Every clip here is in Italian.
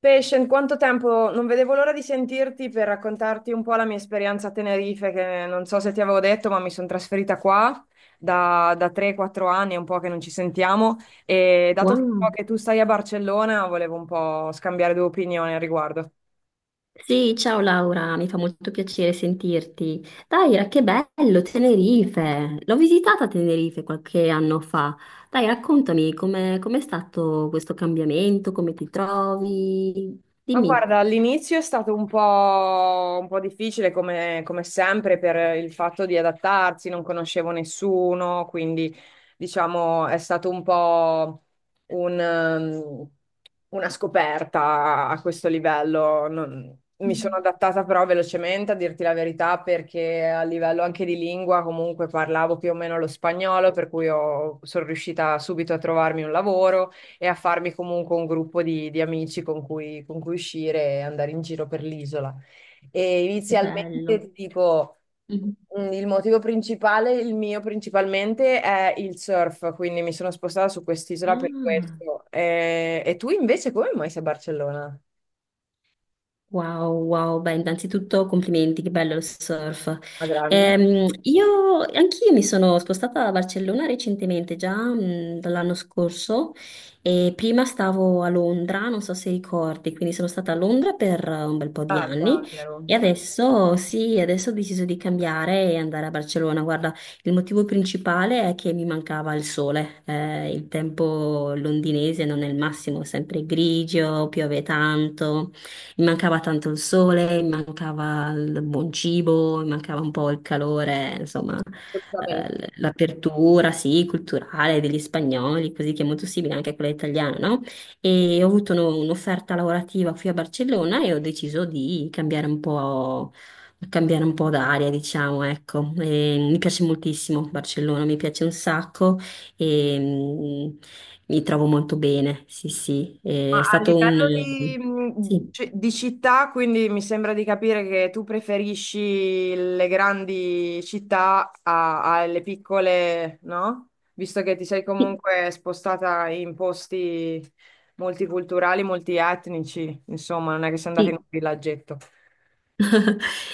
Patient, quanto tempo? Non vedevo l'ora di sentirti per raccontarti un po' la mia esperienza a Tenerife, che non so se ti avevo detto, ma mi sono trasferita qua da 3-4 anni, è un po' che non ci sentiamo, e dato che so Wow. che tu stai a Barcellona, volevo un po' scambiare due opinioni al riguardo. Sì, ciao Laura, mi fa molto piacere sentirti. Daira, che bello, Tenerife. L'ho visitata a Tenerife qualche anno fa. Dai, raccontami com'è stato questo cambiamento, come ti trovi? Ma Dimmi. guarda, all'inizio è stato un po' difficile come sempre per il fatto di adattarsi, non conoscevo nessuno, quindi diciamo è stato un po' un, ehm, una scoperta a questo livello. Mi sono Mm. adattata però velocemente, a dirti la verità, perché a livello anche di lingua comunque parlavo più o meno lo spagnolo, per cui sono riuscita subito a trovarmi un lavoro e a farmi comunque un gruppo di amici con cui uscire e andare in giro per l'isola. E Che inizialmente bello. ti dico, Mm. Il motivo principale, il mio principalmente, è il surf, quindi mi sono spostata su quest'isola per Ah. questo. E tu invece come mai sei a Barcellona? Wow, wow, beh, innanzitutto complimenti, che bello il surf. A grande. Io, anch'io mi sono spostata a Barcellona recentemente, già dall'anno scorso, e prima stavo a Londra, non so se ricordi, quindi sono stata a Londra per un bel po' di Ah, già, anni vero. e adesso, sì, adesso ho deciso di cambiare e andare a Barcellona. Guarda, il motivo principale è che mi mancava il sole, il tempo londinese non è il massimo, è sempre grigio, piove tanto. Mi mancava tanto il sole, mi mancava il buon cibo, mi mancava un po' il calore, insomma, Assolutamente. L'apertura, sì, culturale degli spagnoli, così che è molto simile anche a quella italiana, no? E ho avuto un'offerta lavorativa qui a Barcellona e ho deciso di cambiare un po' d'aria, diciamo, ecco. E mi piace moltissimo Barcellona, mi piace un sacco e mi trovo molto bene, sì, sì. Ma È a stato un... livello di, Sì. Di città, quindi mi sembra di capire che tu preferisci le grandi città alle piccole, no? Visto che ti sei Sì, comunque spostata in posti multiculturali, multietnici, insomma, non è che sei andata in sì, un villaggetto.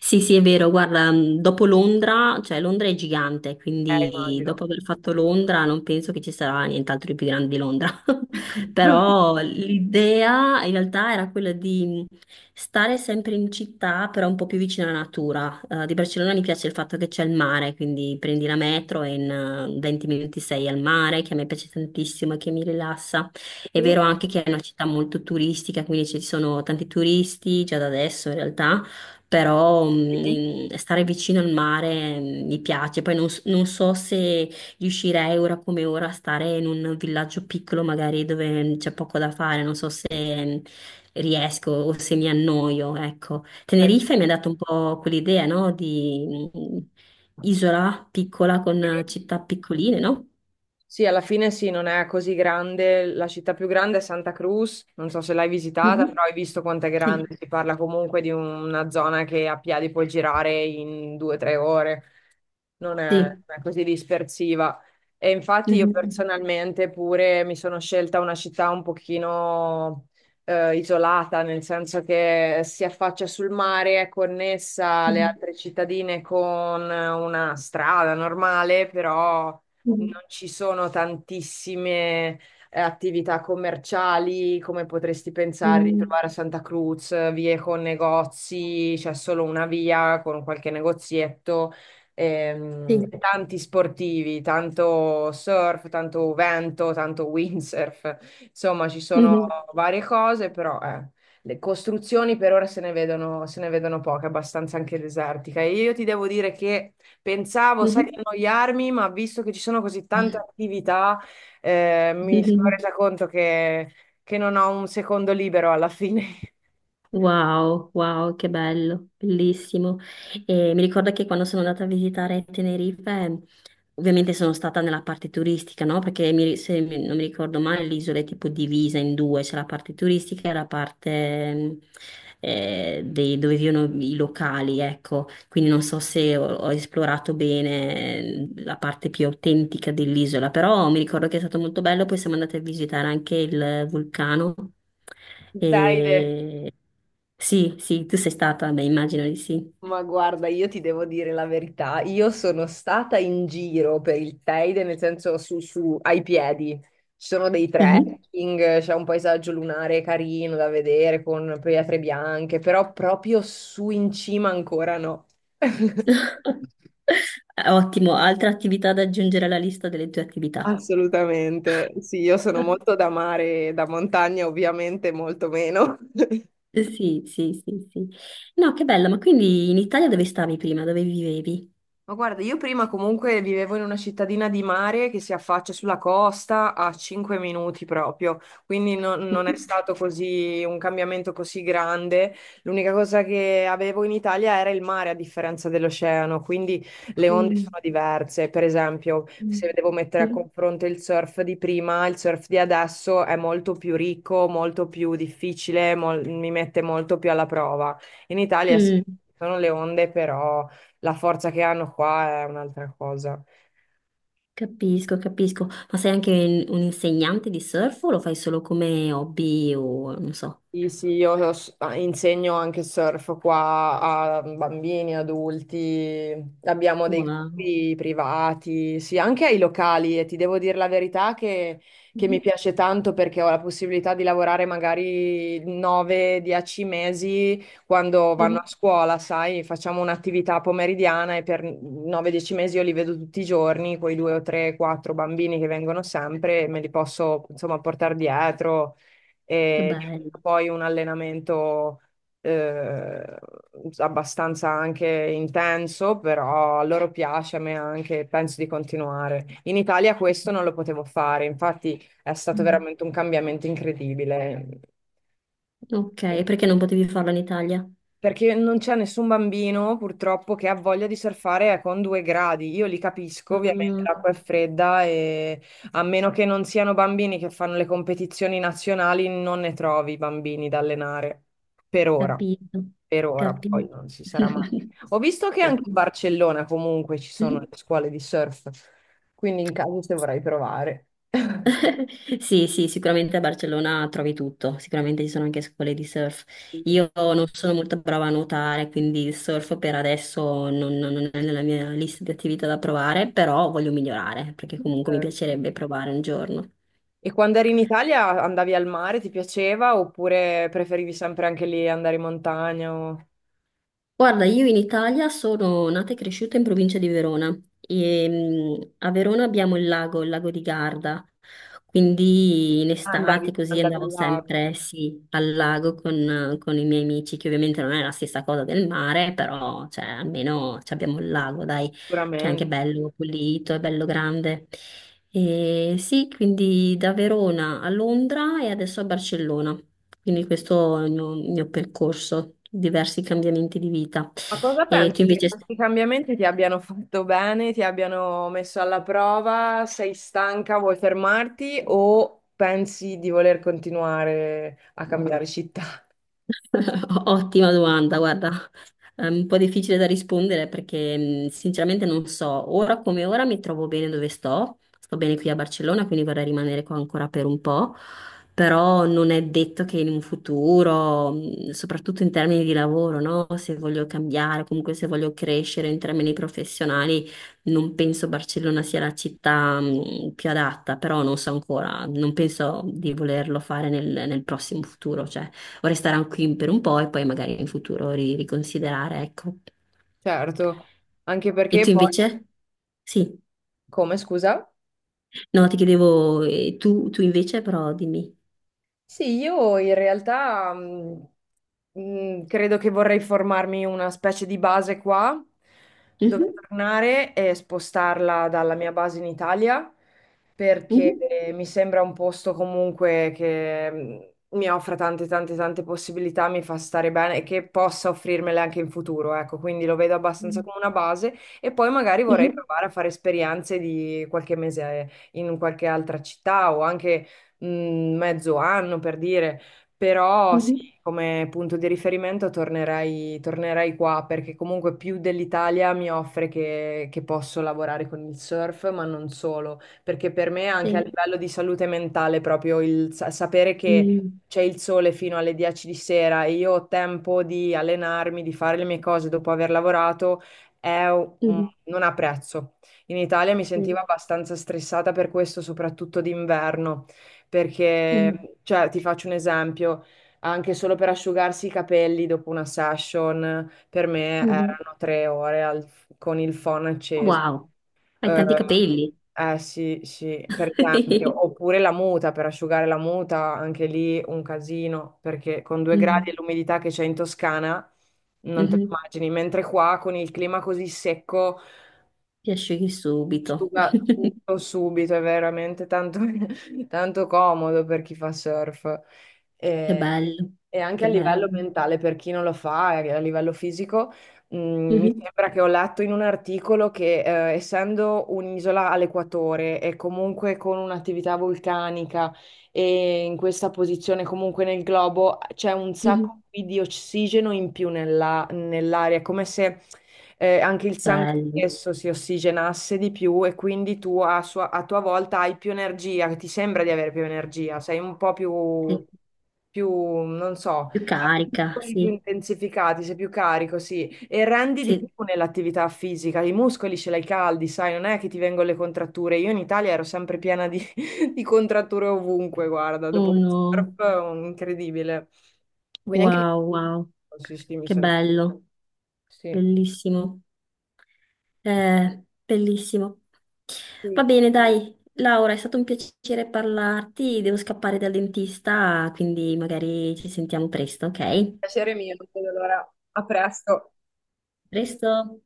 Sì, sì, è vero, guarda, dopo Londra, cioè Londra è gigante, quindi Immagino. dopo aver fatto Londra non penso che ci sarà nient'altro di più grande di Londra. Ecco. Però l'idea in realtà era quella di stare sempre in città, però un po' più vicino alla natura. Di Barcellona mi piace il fatto che c'è il mare, quindi prendi la metro e in 20 minuti sei al mare, che a me piace tantissimo e che mi rilassa. È Sì? vero anche che è una città molto turistica, quindi ci sono tanti turisti già da adesso in realtà però Sì? Stare vicino al mare mi piace. Poi non so se riuscirei ora come ora a stare in un villaggio piccolo, magari dove c'è poco da fare. Non so se mm, riesco o se mi annoio, ecco. Dai. Tenerife mi ha dato un po' quell'idea, no? Di isola piccola con Sì? Città piccoline, no? Sì, alla fine sì, non è così grande. La città più grande è Santa Cruz, non so se l'hai visitata, Mhm. però hai visto quanto è grande. Sì. Si parla comunque di una zona che a piedi puoi girare in 2 o 3 ore, non è, Sì. non è così dispersiva. E infatti io Mhm, personalmente pure mi sono scelta una città un pochino isolata, nel senso che si affaccia sul mare, è connessa alle mhm, altre cittadine con una strada normale, però mhm, non ci sono tantissime attività commerciali come potresti pensare di mhm. trovare a Santa Cruz, vie con negozi, c'è solo una via con qualche negozietto, Sì. e tanti sportivi, tanto surf, tanto vento, tanto windsurf, insomma ci sono Mhm. varie cose, però. Le costruzioni per ora se ne vedono poche, abbastanza anche desertica. E io ti devo dire che pensavo, sai, di Mhm. annoiarmi, ma visto che ci sono così tante attività, mi sono Mhm. resa conto che non ho un secondo libero alla fine. Wow, wow, che bello, bellissimo. E mi ricordo che quando sono andata a visitare Tenerife, ovviamente sono stata nella parte turistica, no? Perché mi- se mi- non mi ricordo male, l'isola è tipo divisa in due, c'è la parte turistica e la parte dove vivono i locali, ecco. Quindi non so se ho esplorato bene la parte più autentica dell'isola, però mi ricordo che è stato molto bello, poi siamo andati a visitare anche il vulcano. Davide, E... Sì, sì, tu sei stata, beh, immagino di sì. ma guarda, io ti devo dire la verità, io sono stata in giro per il Teide, nel senso ai piedi, ci sono dei Mhm. trekking, c'è un paesaggio lunare carino da vedere con pietre bianche, però proprio su in cima ancora no. Ottimo, altra attività da aggiungere alla lista delle tue attività. Assolutamente, sì, io sono molto da mare, da montagna ovviamente molto meno. Sì, sì, sì, sì. No, che bella, ma quindi in Italia dove stavi prima? Dove vivevi? Ma guarda, io prima comunque vivevo in una cittadina di mare che si affaccia sulla costa a 5 minuti proprio, quindi non è Mhm. stato così un cambiamento così grande. L'unica cosa che avevo in Italia era il mare a differenza dell'oceano, quindi le onde Mm. sono diverse. Per esempio, se Mm. devo mettere a Mhm. confronto il surf di prima, il surf di adesso è molto più ricco, molto più difficile, mi mette molto più alla prova. In Italia sì, Mm, ci sono le onde, però la forza che hanno qua è un'altra cosa. capisco, capisco. Ma sei anche un insegnante di surf o lo fai solo come hobby o non so? Sì, sì, io insegno anche surf qua a bambini, adulti, abbiamo dei Wow. gruppi privati, sì, anche ai locali e ti devo dire la verità che mi Mhm. piace tanto perché ho la possibilità di lavorare magari 9-10 mesi quando Mhm. vanno a scuola, sai, facciamo un'attività pomeridiana e per 9-10 mesi io li vedo tutti i giorni, quei due o tre, quattro bambini che vengono sempre, me li posso insomma portare dietro Che e diventa bello. poi un allenamento eh, abbastanza anche intenso, però a loro piace, a me anche, penso di continuare. In Italia questo non lo potevo fare, infatti è stato veramente un cambiamento incredibile. Sì. Ok, perché non potevi farlo in Italia? Perché non c'è nessun bambino purtroppo che ha voglia di surfare con 2 gradi. Io li capisco, ovviamente Ah, l'acqua è fredda e a meno che non siano bambini che fanno le competizioni nazionali, non ne trovi bambini da allenare. Per ora, capito, per ora, poi capito. non si sarà mai. Ho visto che anche a Capito. Barcellona comunque ci sono le scuole di surf, quindi in caso se vorrai provare. Sì, sì, sicuramente a Barcellona trovi tutto, sicuramente ci sono anche scuole di surf. Io non sono molto brava a nuotare, quindi il surf per adesso non è nella mia lista di attività da provare, però voglio migliorare, perché comunque mi piacerebbe provare un giorno. E quando eri in Italia andavi al mare, ti piaceva oppure preferivi sempre anche lì andare in montagna o Guarda, io in Italia sono nata e cresciuta in provincia di Verona e a Verona abbiamo il lago di Garda, quindi in andavi, estate così andavi andavo al lago? sempre, sì, al lago con i miei amici, che ovviamente non è la stessa cosa del mare, però cioè, almeno ci abbiamo il lago, dai, che è anche Sicuramente. bello pulito, è bello grande. E sì, quindi da Verona a Londra e adesso a Barcellona. Quindi questo è il mio percorso, diversi cambiamenti di vita. Ma cosa E tu pensi che invece... questi cambiamenti ti abbiano fatto bene, ti abbiano messo alla prova? Sei stanca, vuoi fermarti o pensi di voler continuare a cambiare città? Ottima domanda, guarda, è un po' difficile da rispondere perché sinceramente non so, ora come ora mi trovo bene dove sto, sto bene qui a Barcellona, quindi vorrei rimanere qua ancora per un po', però non è detto che in un futuro, soprattutto in termini di lavoro, no? Se voglio cambiare, comunque se voglio crescere in termini professionali, non penso Barcellona sia la città più adatta, però non so ancora, non penso di volerlo fare nel prossimo futuro, cioè vorrei stare qui per un po' e poi magari in futuro riconsiderare, ecco. Certo, anche E perché tu poi... invece? Sì, Come, scusa? no, ti chiedevo, tu invece, però dimmi. Sì, io in realtà credo che vorrei formarmi una specie di base qua, dove Mhm, tornare e spostarla dalla mia base in Italia, perché mhm. mi sembra un posto comunque che mi offra tante, tante, tante possibilità, mi fa stare bene e che possa offrirmele anche in futuro, ecco, quindi lo vedo abbastanza Mm. come una base e poi magari vorrei Mhm, provare a fare esperienze di qualche mese in qualche altra città o anche mh, mezzo anno per dire, però sì, mhm, come punto di riferimento tornerei qua perché comunque più dell'Italia mi offre che posso lavorare con il surf, ma non solo, perché per me anche a sì, livello di salute mentale proprio il sapere che mm, c'è il sole fino alle 10 di sera e io ho tempo di allenarmi, di fare le mie cose dopo aver lavorato, è mhm, non ha prezzo. In Italia mi sentivo sì, abbastanza stressata per questo, soprattutto d'inverno perché, mm, cioè, ti faccio un esempio, anche solo per asciugarsi i capelli dopo una session, per me mhm. erano 3 ore con il phon acceso. Wow, hai Eh, tanti capelli. eh sì, sì, per esempio, oppure la muta, per asciugare la muta, anche lì un casino, perché con 2 gradi e Mm, l'umidità che c'è in Toscana, non te lo mhm. immagini, mentre qua con il clima così secco Ti asciughi subito. asciuga tutto subito, è veramente tanto, tanto comodo per chi fa surf. Che E, bello, e anche a che livello bello. mentale, per chi non lo fa, e a livello fisico, mi Mhm, sembra che ho letto in un articolo che essendo un'isola all'equatore e comunque con un'attività vulcanica e in questa posizione comunque nel globo, c'è un sacco mhm. di ossigeno in più nell'aria, come se anche il sangue Bello, stesso si ossigenasse di più e quindi tu a tua volta hai più energia, che ti sembra di avere più energia, sei un po' più, sì. Non so, Più hai i carica, muscoli più sì. intensificati, sei più carico, sì, e rendi di più Sì, nell'attività fisica, i muscoli ce l'hai caldi, sai, non è che ti vengono le contratture, io in Italia ero sempre piena di, di contratture ovunque, guarda, dopo il surf, uno. incredibile. Quindi anche... Wow, lì, wow, sì, sì, mi che sento... bello, Sì. bellissimo. Bellissimo. Va Sì. bene, dai, Laura, è stato un piacere parlarti. Devo scappare dal dentista, quindi magari ci sentiamo presto, ok? Piacere mio, non vedo l'ora. A presto. Presto.